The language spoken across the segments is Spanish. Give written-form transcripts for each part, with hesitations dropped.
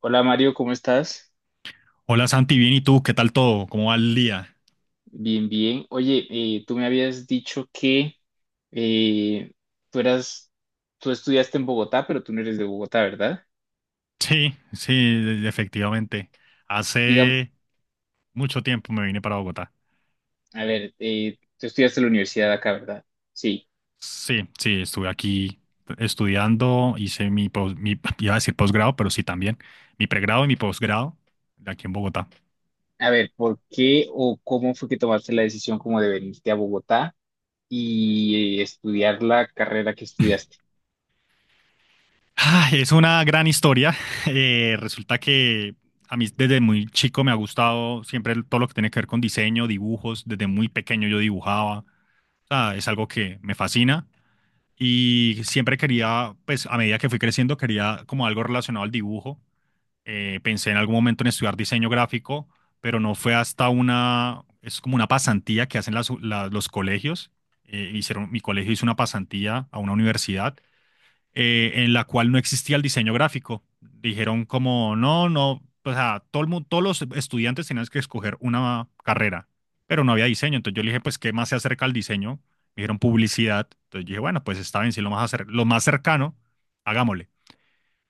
Hola Mario, ¿cómo estás? Hola Santi, bien, ¿y tú? ¿Qué tal todo? ¿Cómo va el día? Bien, bien. Oye, tú me habías dicho que eh, tú eras, tú estudiaste en Bogotá, pero tú no eres de Bogotá, ¿verdad? Sí, sí, efectivamente. Dígame, Hace mucho tiempo me vine para Bogotá. a ver, tú estudiaste en la universidad acá, ¿verdad? Sí. Sí, sí, estuve aquí estudiando, hice mi, mi iba a decir posgrado, pero sí también, mi pregrado y mi posgrado de aquí en Bogotá. A ver, ¿por qué o cómo fue que tomaste la decisión como de venirte a Bogotá y estudiar la carrera que estudiaste? Ay, es una gran historia. Resulta que a mí desde muy chico me ha gustado siempre todo lo que tiene que ver con diseño, dibujos. Desde muy pequeño yo dibujaba. O sea, es algo que me fascina. Y siempre quería, pues a medida que fui creciendo, quería como algo relacionado al dibujo. Pensé en algún momento en estudiar diseño gráfico, pero no fue hasta una, es como una pasantía que hacen los colegios. Hicieron, mi colegio hizo una pasantía a una universidad en la cual no existía el diseño gráfico. Dijeron como, no, no, o sea, todos los estudiantes tenían que escoger una carrera, pero no había diseño. Entonces yo le dije, pues, ¿qué más se acerca al diseño? Me dijeron publicidad. Entonces yo dije, bueno, pues está bien, si lo más, lo más cercano, hagámosle.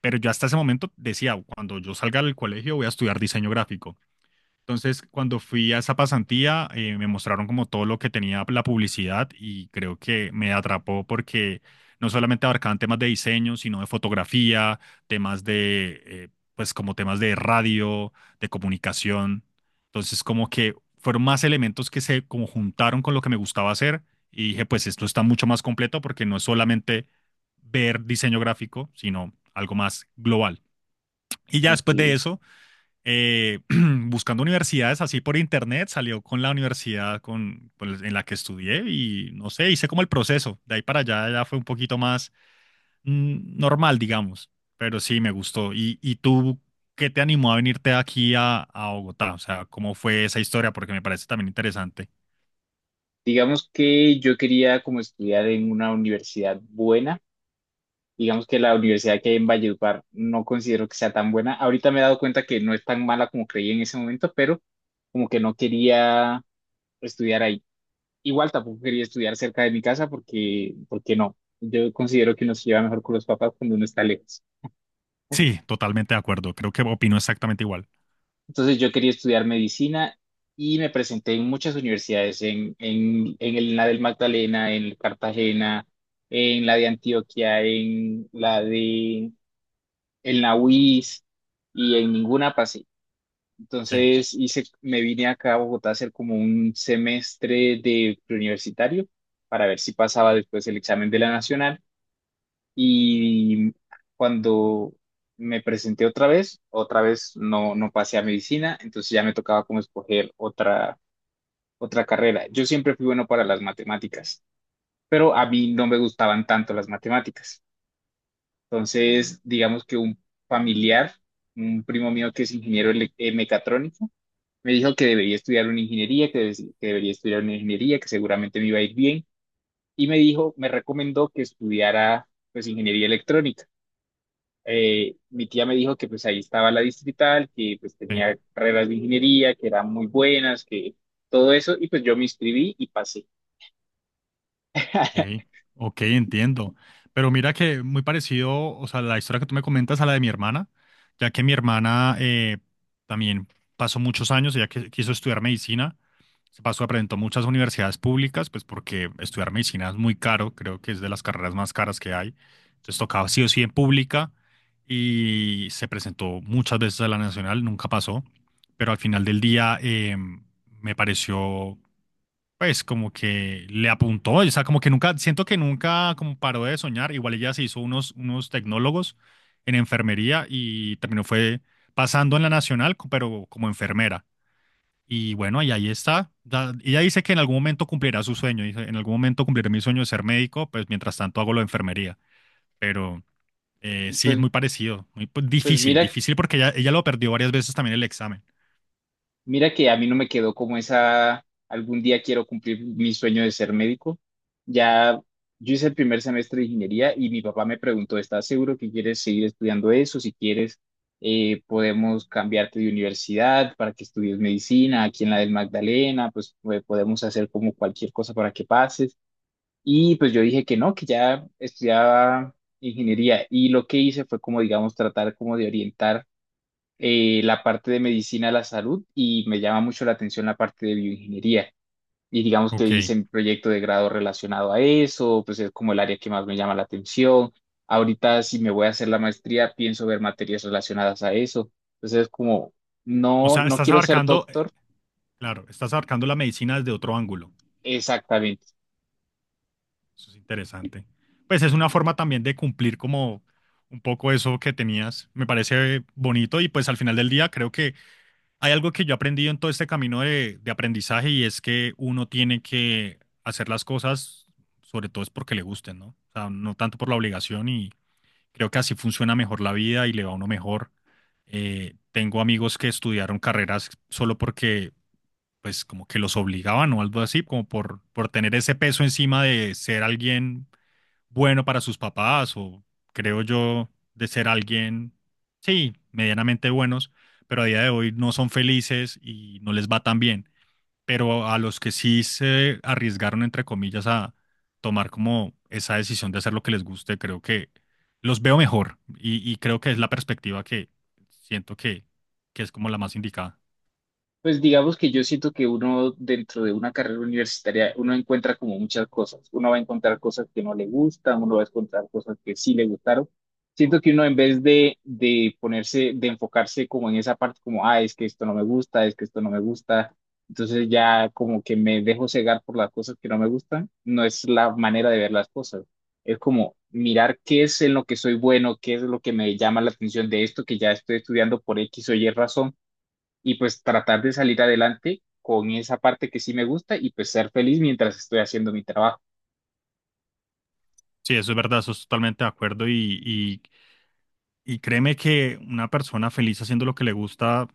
Pero yo hasta ese momento decía, cuando yo salga del colegio voy a estudiar diseño gráfico. Entonces, cuando fui a esa pasantía, me mostraron como todo lo que tenía la publicidad y creo que me atrapó porque no solamente abarcaban temas de diseño, sino de fotografía, temas de, pues como temas de radio, de comunicación. Entonces, como que fueron más elementos que se como juntaron con lo que me gustaba hacer y dije, pues esto está mucho más completo porque no es solamente ver diseño gráfico, sino algo más global. Y ya Ok. después de eso eh, buscando universidades así por internet, salió con la universidad con, pues, en la que estudié y no sé, hice como el proceso. De ahí para allá ya fue un poquito más normal, digamos, pero sí me gustó. Y tú qué te animó a venirte aquí a Bogotá? O sea, ¿cómo fue esa historia? Porque me parece también interesante. Digamos que yo quería como estudiar en una universidad buena. Digamos que la universidad que hay en Valledupar no considero que sea tan buena. Ahorita me he dado cuenta que no es tan mala como creí en ese momento, pero como que no quería estudiar ahí. Igual tampoco quería estudiar cerca de mi casa porque, porque no. Yo considero que uno se lleva mejor con los papás cuando uno está lejos. Sí, totalmente de acuerdo. Creo que opino exactamente igual. Entonces yo quería estudiar medicina y me presenté en muchas universidades, en la del Magdalena, en Cartagena, en la de Antioquia, en la UIS y en ninguna pasé. Sí, Entonces hice, me vine acá a Bogotá a hacer como un semestre de preuniversitario para ver si pasaba después el examen de la nacional. Y cuando me presenté otra vez, no pasé a medicina, entonces ya me tocaba como escoger otra, otra carrera. Yo siempre fui bueno para las matemáticas, pero a mí no me gustaban tanto las matemáticas. Entonces, digamos que un familiar, un primo mío que es ingeniero mecatrónico, me dijo que debería estudiar una ingeniería, que debería estudiar una ingeniería, que seguramente me iba a ir bien. Y me dijo, me recomendó que estudiara pues ingeniería electrónica. Mi tía me dijo que pues ahí estaba la distrital, que pues sí. tenía carreras de ingeniería, que eran muy buenas, que todo eso. Y pues yo me inscribí y pasé. Ok, ok, entiendo. Pero mira que muy parecido, o sea, la historia que tú me comentas a la de mi hermana, ya que mi hermana también pasó muchos años, ella quiso estudiar medicina, se pasó, aparentó muchas universidades públicas, pues porque estudiar medicina es muy caro, creo que es de las carreras más caras que hay. Entonces tocaba sí o sí en pública y se presentó muchas veces a la nacional, nunca pasó, pero al final del día me pareció pues como que le apuntó, o sea, como que nunca, siento que nunca como paró de soñar, igual ella se hizo unos, unos tecnólogos en enfermería y terminó fue pasando en la nacional, pero como enfermera. Y bueno, y ahí está. Ella dice que en algún momento cumplirá su sueño, dice, en algún momento cumpliré mi sueño de ser médico, pues mientras tanto hago lo de enfermería. Pero sí es Pues, muy parecido, muy pues, pues difícil, mira difícil porque ella lo perdió varias veces también el examen. Mira que a mí no me quedó como esa, algún día quiero cumplir mi sueño de ser médico. Ya, yo hice el primer semestre de ingeniería y mi papá me preguntó, ¿estás seguro que quieres seguir estudiando eso? Si quieres, podemos cambiarte de universidad para que estudies medicina, aquí en la del Magdalena, pues podemos hacer como cualquier cosa para que pases. Y pues yo dije que no, que ya estudiaba ingeniería y lo que hice fue como, digamos, tratar como de orientar la parte de medicina de la salud y me llama mucho la atención la parte de bioingeniería. Y digamos que hice Ok. mi proyecto de grado relacionado a eso, pues es como el área que más me llama la atención. Ahorita si me voy a hacer la maestría, pienso ver materias relacionadas a eso. Entonces es como, O no, sea, no estás quiero ser abarcando, doctor claro, estás abarcando la medicina desde otro ángulo. exactamente. Eso es interesante. Pues es una forma también de cumplir como un poco eso que tenías. Me parece bonito y pues al final del día creo que hay algo que yo he aprendido en todo este camino de aprendizaje y es que uno tiene que hacer las cosas, sobre todo es porque le gusten, ¿no? O sea, no tanto por la obligación y creo que así funciona mejor la vida y le va a uno mejor. Tengo amigos que estudiaron carreras solo porque pues como que los obligaban o algo así, como por tener ese peso encima de ser alguien bueno para sus papás o creo yo de ser alguien, sí, medianamente buenos, pero a día de hoy no son felices y no les va tan bien. Pero a los que sí se arriesgaron, entre comillas, a tomar como esa decisión de hacer lo que les guste, creo que los veo mejor y creo que es la perspectiva que siento que es como la más indicada. Pues digamos que yo siento que uno dentro de una carrera universitaria, uno encuentra como muchas cosas. Uno va a encontrar cosas que no le gustan, uno va a encontrar cosas que sí le gustaron. Siento que uno en vez de ponerse, de enfocarse como en esa parte, como, ah, es que esto no me gusta, es que esto no me gusta, entonces ya como que me dejo cegar por las cosas que no me gustan, no es la manera de ver las cosas. Es como mirar qué es en lo que soy bueno, qué es lo que me llama la atención de esto que ya estoy estudiando por X o Y razón y pues tratar de salir adelante con esa parte que sí me gusta y pues ser feliz mientras estoy haciendo mi trabajo. Sí, eso es verdad, eso es totalmente de acuerdo y créeme que una persona feliz haciendo lo que le gusta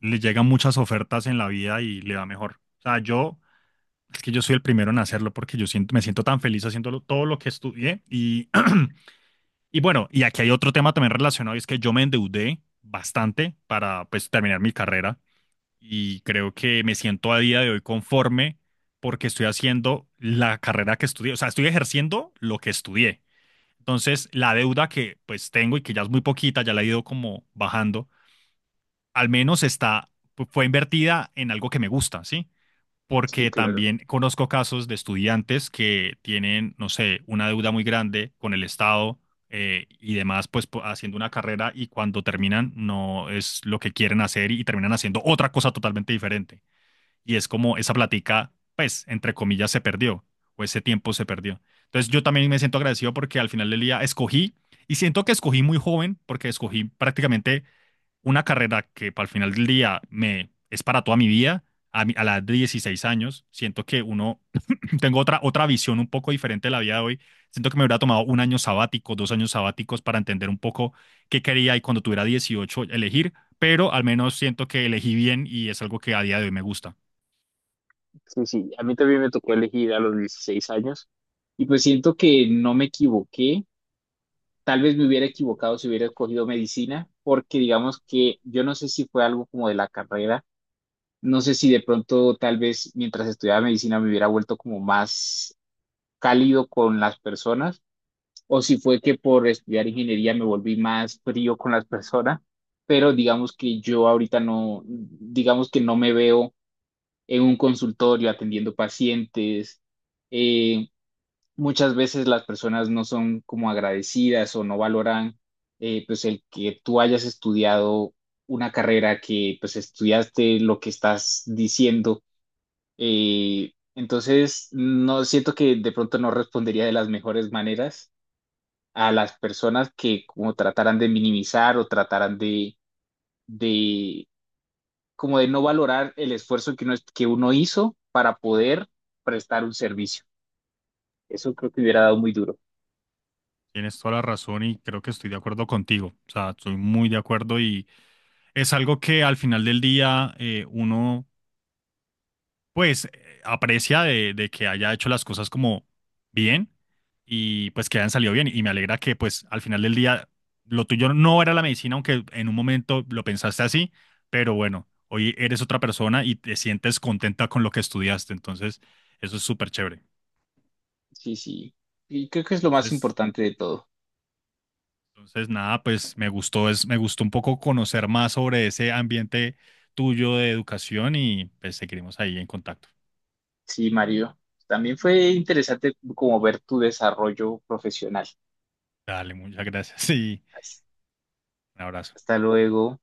le llegan muchas ofertas en la vida y le va mejor. O sea, yo, es que yo soy el primero en hacerlo porque yo siento, me siento tan feliz haciendo todo lo que estudié. Y, y bueno, y aquí hay otro tema también relacionado, y es que yo me endeudé bastante para pues terminar mi carrera y creo que me siento a día de hoy conforme porque estoy haciendo la carrera que estudié, o sea, estoy ejerciendo lo que estudié. Entonces, la deuda que pues tengo y que ya es muy poquita, ya la he ido como bajando, al menos está, fue invertida en algo que me gusta, ¿sí? Sí, Porque claro. también conozco casos de estudiantes que tienen, no sé, una deuda muy grande con el Estado y demás, pues haciendo una carrera y cuando terminan no es lo que quieren hacer y terminan haciendo otra cosa totalmente diferente. Y es como esa plática, pues, entre comillas, se perdió o ese tiempo se perdió. Entonces yo también me siento agradecido porque al final del día escogí y siento que escogí muy joven porque escogí prácticamente una carrera que para el final del día me es para toda mi vida, a, a la edad de 16 años, siento que uno, tengo otra, otra visión un poco diferente de la vida de hoy, siento que me hubiera tomado un año sabático, dos años sabáticos para entender un poco qué quería y cuando tuviera 18 elegir, pero al menos siento que elegí bien y es algo que a día de hoy me gusta. Sí, sí. A mí también me tocó elegir a los 16 años y pues siento que no me equivoqué. Tal vez me hubiera equivocado si hubiera escogido medicina, porque digamos que yo no sé si fue algo como de la carrera, no sé si de pronto tal vez mientras estudiaba medicina me hubiera vuelto como más cálido con las personas o si fue que por estudiar ingeniería me volví más frío con las personas, pero digamos que yo ahorita no, digamos que no me veo en un consultorio atendiendo pacientes. Eh, Muchas veces las personas no son como agradecidas o no valoran pues el que tú hayas estudiado una carrera que pues estudiaste lo que estás diciendo. Entonces, no siento que de pronto no respondería de las mejores maneras a las personas que como trataran de minimizar o trataran de como de no valorar el esfuerzo que uno hizo para poder prestar un servicio. Eso creo que hubiera dado muy duro. Tienes toda la razón y creo que estoy de acuerdo contigo. O sea, estoy muy de acuerdo y es algo que al final del día uno pues aprecia de que haya hecho las cosas como bien y pues que hayan salido bien. Y me alegra que pues al final del día lo tuyo no era la medicina, aunque en un momento lo pensaste así, pero bueno, hoy eres otra persona y te sientes contenta con lo que estudiaste. Entonces, eso es súper chévere. Sí, sí. Y creo que es lo más Entonces, importante de todo. entonces nada, pues me gustó, es, me gustó un poco conocer más sobre ese ambiente tuyo de educación y pues seguiremos ahí en contacto. Sí, Mario. También fue interesante como ver tu desarrollo profesional. Dale, muchas gracias y un abrazo. Hasta luego.